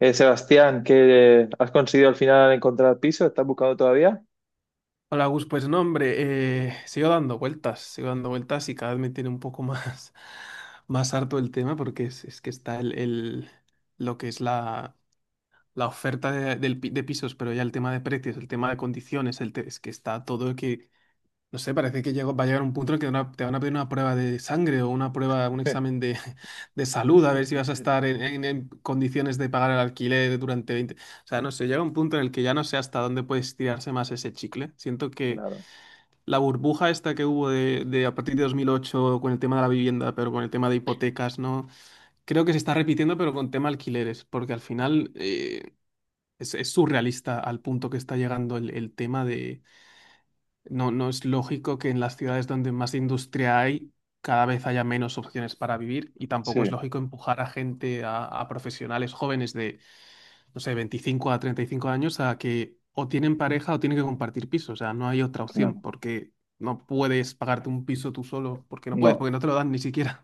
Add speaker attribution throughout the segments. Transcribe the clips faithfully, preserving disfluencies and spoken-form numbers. Speaker 1: Eh, Sebastián, ¿qué eh, has conseguido al final encontrar piso? ¿Estás buscando todavía?
Speaker 2: Hola Gus, pues no, hombre, eh, sigo dando vueltas, sigo dando vueltas y cada vez me tiene un poco más, más harto el tema porque es, es que está el, el- lo que es la, la oferta de, del pi- de pisos, pero ya el tema de precios, el tema de condiciones, el te- es que está todo que, no sé, parece que llegó- va a llegar un punto en el que te van a te van a pedir una prueba de sangre o una prueba, un examen de, de salud, a ver si vas a estar en, en- en condiciones de pagar el alquiler durante veinte. O sea, no sé, llega un punto en el que ya no sé hasta dónde puedes tirarse más ese chicle. Siento que
Speaker 1: Claro,
Speaker 2: la burbuja esta que hubo de, de a partir de dos mil ocho con el tema de la vivienda, pero con el tema de hipotecas, ¿no? Creo que se está repitiendo, pero con tema alquileres, porque al final eh, es, es surrealista al punto que está llegando el, el tema de... No, no es lógico que en las ciudades donde más industria hay, cada vez haya menos opciones para vivir y
Speaker 1: sí,
Speaker 2: tampoco es lógico empujar a gente, a, a profesionales jóvenes de no sé, veinticinco a treinta y cinco años a que o tienen pareja o tienen que compartir piso. O sea, no hay otra opción
Speaker 1: claro.
Speaker 2: porque no puedes pagarte un piso tú solo, porque no puedes,
Speaker 1: No,
Speaker 2: porque no te lo dan ni siquiera.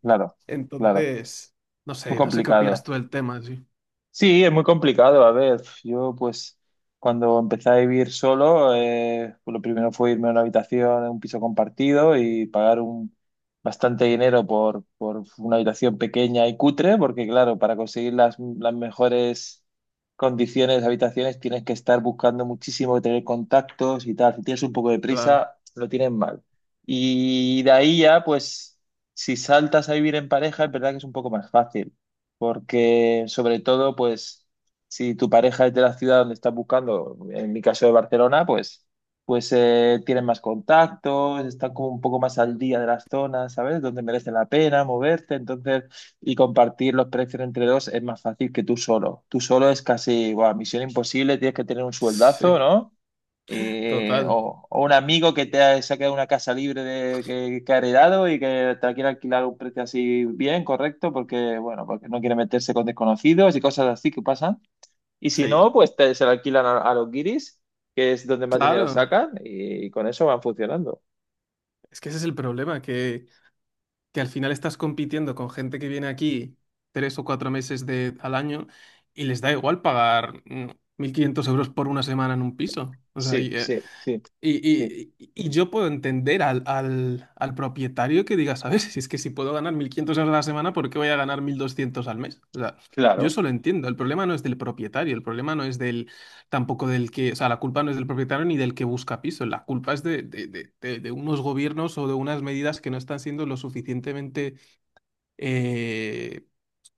Speaker 1: claro, claro.
Speaker 2: Entonces, no
Speaker 1: Muy
Speaker 2: sé, no sé qué opinas
Speaker 1: complicado.
Speaker 2: tú del tema, sí.
Speaker 1: Sí, es muy complicado. A ver, yo pues cuando empecé a vivir solo, eh, pues, lo primero fue irme a una habitación, en un piso compartido y pagar un, bastante dinero por, por una habitación pequeña y cutre, porque claro, para conseguir las, las mejores condiciones de habitaciones tienes que estar buscando muchísimo, tener contactos y tal. Si tienes un poco de
Speaker 2: Claro.
Speaker 1: prisa, lo tienes mal. Y de ahí ya, pues si saltas a vivir en pareja, es verdad que es un poco más fácil porque sobre todo, pues, si tu pareja es de la ciudad donde estás buscando, en mi caso de Barcelona, pues, pues eh, tienen más contactos, están como un poco más al día de las zonas, ¿sabes? Donde merece la pena moverte, entonces, y compartir los precios entre dos es más fácil que tú solo. Tú solo es casi, guau, misión imposible, tienes que tener un
Speaker 2: Sí,
Speaker 1: sueldazo, ¿no? eh,
Speaker 2: total.
Speaker 1: o, o un amigo que te ha sacado una casa libre de, que, que ha heredado y que te la quiere alquilar a un precio así bien, correcto, porque bueno, porque no quiere meterse con desconocidos y cosas así que pasan. Y si
Speaker 2: Sí.
Speaker 1: no, pues te- se la alquilan a, a los guiris, que es donde más dinero
Speaker 2: Claro.
Speaker 1: sacan, y, con eso van funcionando.
Speaker 2: Es que ese es el problema, que, que al final estás compitiendo con gente que viene aquí tres o cuatro meses de, al año y les da igual pagar mm, mil quinientos euros por una semana en un piso. O sea,
Speaker 1: Sí,
Speaker 2: y, eh,
Speaker 1: sí, sí,
Speaker 2: Y,
Speaker 1: sí,
Speaker 2: y- y yo puedo entender al, al, al propietario que diga, ¿sabes? Si es que si puedo ganar mil quinientos euros a la semana, ¿por qué voy a ganar mil doscientos al mes? O sea, yo
Speaker 1: claro,
Speaker 2: eso lo entiendo. El problema no es del propietario, el problema no es del, tampoco del que, o sea, la culpa no es del propietario ni del que busca piso, la culpa es de, de, de- de- de unos gobiernos o de unas medidas que no están siendo lo suficientemente, eh,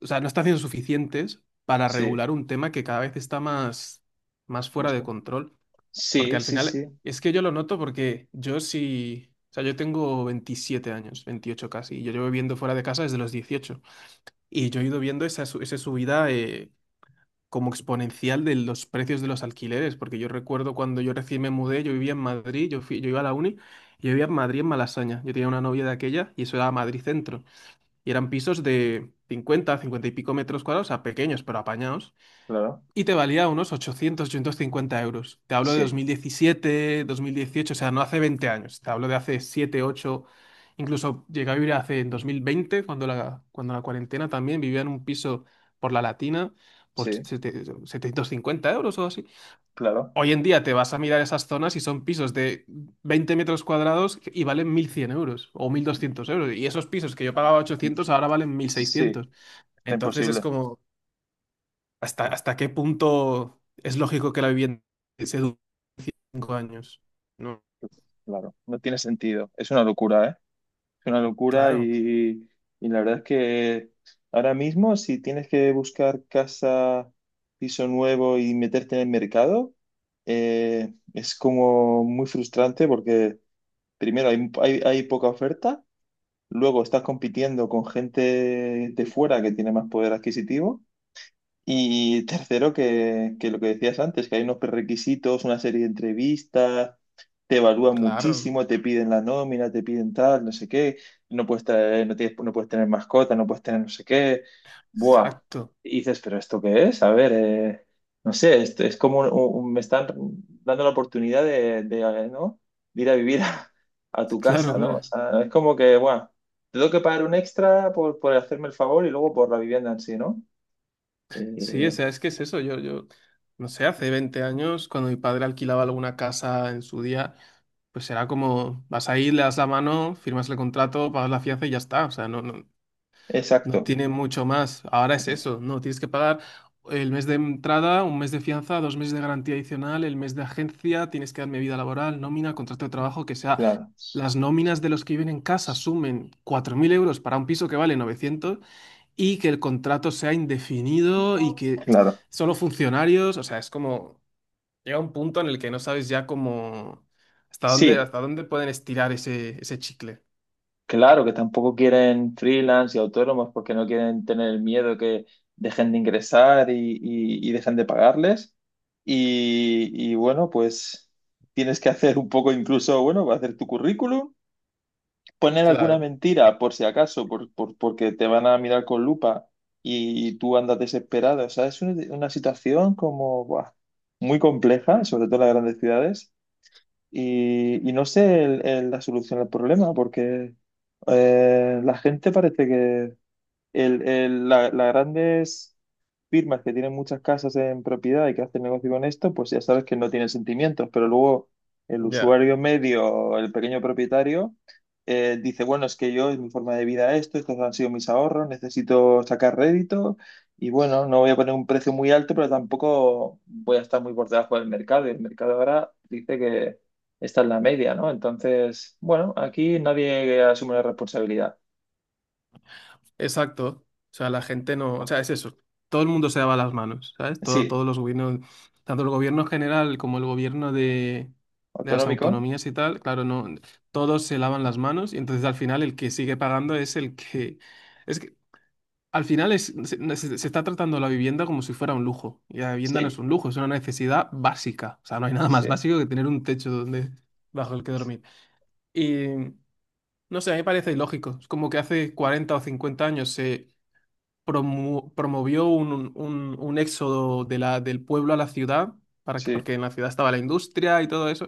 Speaker 2: o sea, no están siendo suficientes para
Speaker 1: sí,
Speaker 2: regular un tema que cada vez está más, más fuera de
Speaker 1: Moscú.
Speaker 2: control. Porque
Speaker 1: Sí,
Speaker 2: al
Speaker 1: sí,
Speaker 2: final,
Speaker 1: sí,
Speaker 2: es que yo lo noto porque yo sí, o sea, yo tengo veintisiete años, veintiocho casi, y yo llevo viviendo fuera de casa desde los dieciocho. Y yo he ido viendo esa, su- esa subida eh, como exponencial de los precios de los alquileres, porque yo recuerdo cuando yo recién me mudé, yo vivía en Madrid, yo, fui- yo iba a la uni, yo vivía en Madrid, en Malasaña. Yo tenía una novia de aquella y eso era Madrid Centro. Y eran pisos de cincuenta cincuenta y pico metros cuadrados, o sea, pequeños, pero apañados.
Speaker 1: claro,
Speaker 2: Y te valía unos ochocientos cincuenta euros. Te hablo de dos dos
Speaker 1: sí,
Speaker 2: mil diecisiete dos mil dieciocho, o sea, no hace veinte años. Te hablo de hace siete ocho. Incluso llegué a vivir hace en dos mil veinte cuando la, cuando la cuarentena también vivía en un piso por la Latina por
Speaker 1: sí,
Speaker 2: sete- setecientos cincuenta euros o así.
Speaker 1: claro,
Speaker 2: Hoy en día te vas a mirar esas zonas y son pisos de veinte metros cuadrados y valen mil cien euros o mil doscientos euros. Y esos pisos que yo pagaba ochocientos ahora valen mil
Speaker 1: sí,
Speaker 2: seiscientos
Speaker 1: está
Speaker 2: Entonces es
Speaker 1: imposible,
Speaker 2: como hasta, hasta qué punto es lógico que la vivienda se dure cinco años. No,
Speaker 1: claro, no tiene sentido, es una locura, ¿eh? Es una locura
Speaker 2: claro,
Speaker 1: y, y la verdad es que ahora mismo si tienes que buscar casa, piso nuevo y meterte en el mercado, eh, es como muy frustrante porque primero hay, hay, hay poca oferta, luego estás compitiendo con gente de fuera que tiene más poder adquisitivo. Y tercero, que, que lo que decías antes, que hay unos prerequisitos, una serie de entrevistas, te evalúan
Speaker 2: claro,
Speaker 1: muchísimo, te piden la nómina, te piden tal, no sé qué, no puedes traer- no tienes- no puedes tener mascota, no puedes tener no sé qué. Buah.
Speaker 2: exacto,
Speaker 1: Y dices, ¿pero esto qué es? A ver, eh, no sé, esto es como un- un- me están dando la oportunidad de, de, eh, ¿no? De ir a vivir a, a tu
Speaker 2: claro,
Speaker 1: casa, ¿no? O
Speaker 2: claro.
Speaker 1: sea, es como que, buah, tengo que pagar un extra por, por hacerme el favor y luego por la vivienda en sí, ¿no?
Speaker 2: Sí, o
Speaker 1: Eh,
Speaker 2: sea, es que es eso. Yo, yo, no sé, hace veinte años, cuando mi padre alquilaba alguna casa en su día, pues era como, vas ahí, le das la mano, firmas el contrato, pagas la fianza y ya está. O sea, no, no.
Speaker 1: exacto,
Speaker 2: No tiene mucho más. Ahora es
Speaker 1: es-
Speaker 2: eso. No, tienes que pagar el mes de entrada, un mes de fianza, dos meses de garantía adicional, el mes de agencia, tienes que darme vida laboral, nómina, contrato de trabajo, que sea.
Speaker 1: claro,
Speaker 2: Las nóminas de los que viven en casa sumen cuatro mil euros para un piso que vale novecientos y que el contrato sea indefinido y que
Speaker 1: claro.
Speaker 2: solo funcionarios, o sea, es como, llega un punto en el que no sabes ya cómo, hasta dónde,
Speaker 1: Sí,
Speaker 2: hasta dónde pueden estirar ese, ese chicle.
Speaker 1: claro que tampoco quieren freelance y autónomos porque no quieren tener el miedo que dejen de ingresar y, y- y dejen de pagarles. Y, y bueno, pues tienes que hacer un poco incluso, bueno, hacer tu currículum, poner alguna
Speaker 2: Claro,
Speaker 1: mentira por si acaso, por, por- porque te van a mirar con lupa y, tú andas desesperado. O sea, es una, una situación como buah, muy compleja, sobre todo en las grandes ciudades. Y, y no sé el- el- la solución al problema, porque eh, la gente parece que, el, el- la- las grandes firmas que tienen muchas casas en propiedad y que hacen negocio con esto, pues ya sabes que no tienen sentimientos, pero luego el
Speaker 2: ya.
Speaker 1: usuario medio, el pequeño propietario, eh, dice, bueno, es que yo, es mi forma de vida esto, estos han sido mis ahorros, necesito sacar rédito y bueno, no voy a poner un precio muy alto, pero tampoco voy a estar muy por debajo del mercado. Y el mercado ahora dice que esta es la media, ¿no? Entonces, bueno, aquí nadie asume la responsabilidad.
Speaker 2: Exacto. O sea, la gente no, o sea, es eso. Todo el mundo se lava las manos, ¿sabes? Todo,
Speaker 1: Sí,
Speaker 2: todos los gobiernos, tanto el gobierno general como el gobierno de, de las
Speaker 1: autonómico.
Speaker 2: autonomías y tal, claro, no, todos se lavan las manos y entonces al final el que sigue pagando es el que, es que al final es, se, no, se- se está tratando la vivienda como si fuera un lujo y la vivienda no
Speaker 1: Sí,
Speaker 2: es un lujo, es una necesidad básica. O sea, no hay nada
Speaker 1: sí,
Speaker 2: más básico que tener un techo donde, bajo el que dormir. Y no sé, a mí me parece ilógico. Es como que hace cuarenta o cincuenta años se promo- promovió un, un- un éxodo de la, del pueblo a la ciudad, para que,
Speaker 1: sí,
Speaker 2: porque en la ciudad estaba la industria y todo eso.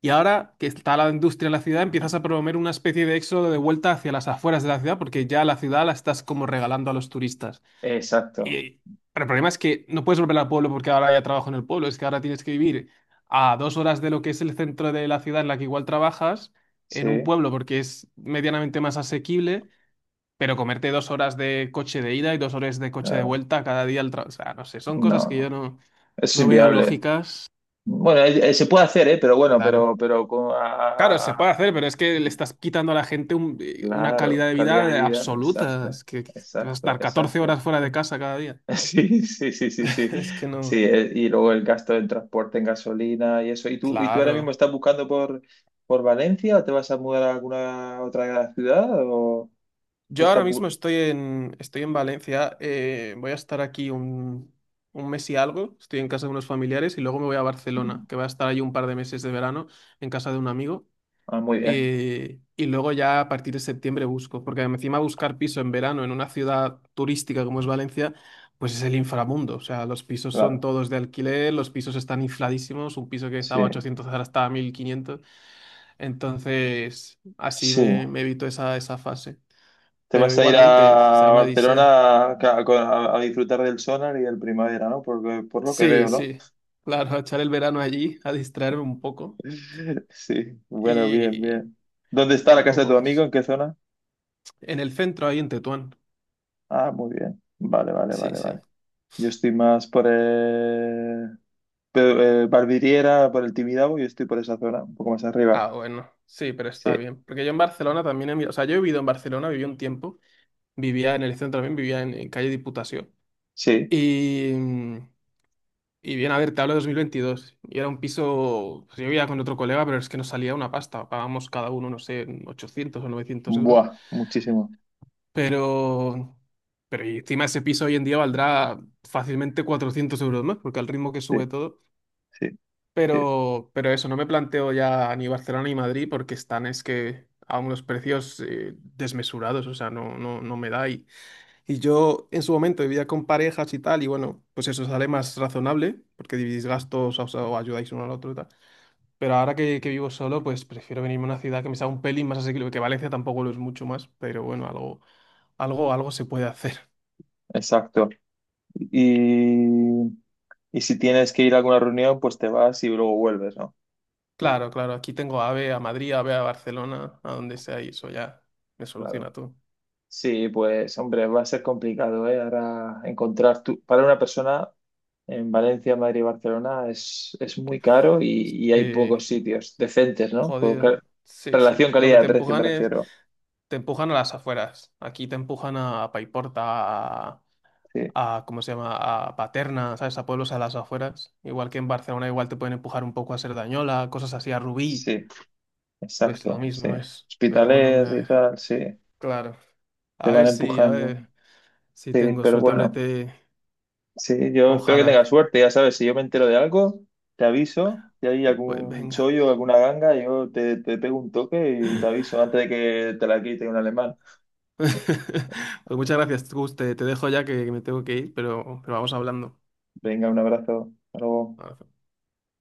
Speaker 2: Y ahora que está la industria en la ciudad, empiezas a promover una especie de éxodo de vuelta hacia las afueras de la ciudad, porque ya la ciudad la estás como regalando a los turistas.
Speaker 1: exacto,
Speaker 2: Y, pero el problema es que no puedes volver al pueblo porque ahora ya trabajo en el pueblo, es que ahora tienes que vivir a dos horas de lo que es el centro de la ciudad en la que igual trabajas, en un
Speaker 1: sí,
Speaker 2: pueblo porque es medianamente más asequible, pero comerte dos horas de coche de ida y dos horas de coche de
Speaker 1: claro,
Speaker 2: vuelta cada día al trabajo. O sea, no sé, son
Speaker 1: no,
Speaker 2: cosas
Speaker 1: no,
Speaker 2: que yo no,
Speaker 1: eso es
Speaker 2: no veo
Speaker 1: inviable.
Speaker 2: lógicas.
Speaker 1: Bueno, eh, eh, se puede hacer, ¿eh? Pero bueno,
Speaker 2: Claro.
Speaker 1: pero, pero con, ah,
Speaker 2: Claro,
Speaker 1: ah,
Speaker 2: se
Speaker 1: ah,
Speaker 2: puede hacer, pero es que le estás quitando a la gente un- eh, una
Speaker 1: claro,
Speaker 2: calidad de
Speaker 1: calidad
Speaker 2: vida
Speaker 1: de
Speaker 2: eh,
Speaker 1: vida,
Speaker 2: absoluta.
Speaker 1: exacto,
Speaker 2: Es que, que vas a
Speaker 1: exacto,
Speaker 2: estar catorce
Speaker 1: exacto.
Speaker 2: horas fuera de casa cada día.
Speaker 1: Sí, sí, sí, sí, sí,
Speaker 2: Es que
Speaker 1: sí,
Speaker 2: no.
Speaker 1: eh, y luego el gasto del transporte en gasolina y eso. ¿Y tú, y tú ahora mismo
Speaker 2: Claro.
Speaker 1: estás buscando por, por Valencia o te vas a mudar a alguna otra ciudad o qué
Speaker 2: Yo ahora
Speaker 1: estás
Speaker 2: mismo
Speaker 1: bu-
Speaker 2: estoy en, estoy en Valencia. eh, voy a estar aquí un, un mes y algo. Estoy en casa de unos familiares y luego me voy a Barcelona, que voy a estar allí un par de meses de verano en casa de un amigo.
Speaker 1: Ah, muy bien,
Speaker 2: eh, y luego ya a partir de septiembre busco, porque encima buscar piso en verano en una ciudad turística como es Valencia, pues es el inframundo. O sea, los pisos son
Speaker 1: claro,
Speaker 2: todos de alquiler, los pisos están infladísimos, un piso que
Speaker 1: sí,
Speaker 2: estaba a ochocientos ahora está a mil quinientos. Entonces, así
Speaker 1: sí.
Speaker 2: me, me evito esa, esa fase.
Speaker 1: Te
Speaker 2: Pero
Speaker 1: vas a ir a
Speaker 2: igualmente, sea una
Speaker 1: Barcelona
Speaker 2: odisea.
Speaker 1: a, a- a disfrutar del Sonar y del Primavera, ¿no? Por, por lo que
Speaker 2: Sí,
Speaker 1: veo, ¿no?
Speaker 2: sí, claro, a echar el verano allí, a distraerme un poco
Speaker 1: Sí, bueno, bien,
Speaker 2: y,
Speaker 1: bien. ¿Dónde está
Speaker 2: y
Speaker 1: la casa de
Speaker 2: poco
Speaker 1: tu amigo?
Speaker 2: más.
Speaker 1: ¿En qué zona?
Speaker 2: En el centro, ahí en Tetuán.
Speaker 1: Ah, muy bien. Vale, vale,
Speaker 2: Sí,
Speaker 1: vale,
Speaker 2: sí.
Speaker 1: vale. Yo estoy más por el... pe- eh, Barbiriera, por el Tibidabo, yo estoy por esa zona, un poco más arriba.
Speaker 2: Ah, bueno, sí, pero
Speaker 1: Sí,
Speaker 2: está bien. Porque yo en Barcelona también he vivido, o sea, yo he vivido en Barcelona, viví un tiempo, vivía en el centro también, vivía en, en calle Diputación.
Speaker 1: sí.
Speaker 2: Y, mm, y bien, a ver, te hablo de dos mil veintidós. Y era un piso, pues yo vivía con otro colega, pero es que nos salía una pasta. Pagábamos cada uno, no sé, ochocientos o novecientos euros.
Speaker 1: Buah, muchísimo.
Speaker 2: Pero, pero y encima ese piso hoy en día valdrá fácilmente cuatrocientos euros más, porque al ritmo que
Speaker 1: Sí,
Speaker 2: sube todo.
Speaker 1: sí, sí.
Speaker 2: Pero, pero eso, no me planteo ya ni Barcelona ni Madrid porque están es que a unos precios eh, desmesurados, o sea, no, no, no me da. Y, y yo en su momento vivía con parejas y tal, y bueno, pues eso sale más razonable porque dividís gastos o, sea, o ayudáis uno al otro y tal. Pero ahora que, que vivo solo, pues prefiero venirme a una ciudad que me sea un pelín más asequible, que Valencia tampoco lo es mucho más, pero bueno, algo, algo, algo se puede hacer.
Speaker 1: Exacto. Y, y si tienes que ir a alguna reunión, pues te vas y luego vuelves, ¿no?
Speaker 2: Claro, claro, aquí tengo AVE a Madrid, AVE a Barcelona, a donde sea, y eso ya me
Speaker 1: Claro.
Speaker 2: soluciona todo.
Speaker 1: Sí, pues hombre, va a ser complicado, ¿eh? Ahora encontrar tu... para una persona en Valencia, Madrid y Barcelona es, es muy caro y, y hay
Speaker 2: Sí.
Speaker 1: pocos sitios decentes, ¿no? Por
Speaker 2: Jodido.
Speaker 1: ca-
Speaker 2: Sí, sí.
Speaker 1: Relación
Speaker 2: Lo que te
Speaker 1: calidad-precio me
Speaker 2: empujan es,
Speaker 1: refiero.
Speaker 2: te empujan a las afueras. Aquí te empujan a Paiporta, a,
Speaker 1: Sí,
Speaker 2: a- ¿cómo se llama? A Paterna, ¿sabes? A pueblos a las afueras. Igual que en Barcelona, igual te pueden empujar un poco a Cerdañola, cosas así, a Rubí.
Speaker 1: sí,
Speaker 2: Pues lo
Speaker 1: exacto, sí.
Speaker 2: mismo es. Pero bueno, hombre,
Speaker 1: Hospitales
Speaker 2: a
Speaker 1: y
Speaker 2: ver.
Speaker 1: tal, sí,
Speaker 2: Claro.
Speaker 1: te
Speaker 2: A
Speaker 1: van
Speaker 2: ver si, a
Speaker 1: empujando.
Speaker 2: ver si
Speaker 1: Sí,
Speaker 2: tengo
Speaker 1: pero
Speaker 2: suerte, hombre,
Speaker 1: bueno.
Speaker 2: te...
Speaker 1: Sí, yo espero que
Speaker 2: Ojalá.
Speaker 1: tengas suerte, ya sabes, si yo me entero de algo, te aviso, si hay
Speaker 2: Pues
Speaker 1: algún
Speaker 2: venga.
Speaker 1: chollo, alguna ganga, yo te, te pego un toque y te aviso antes de que te la quite un alemán.
Speaker 2: Pues muchas gracias, Gus. Te, te dejo ya que, que me tengo que ir, pero, pero vamos hablando.
Speaker 1: Venga, un abrazo, hasta luego.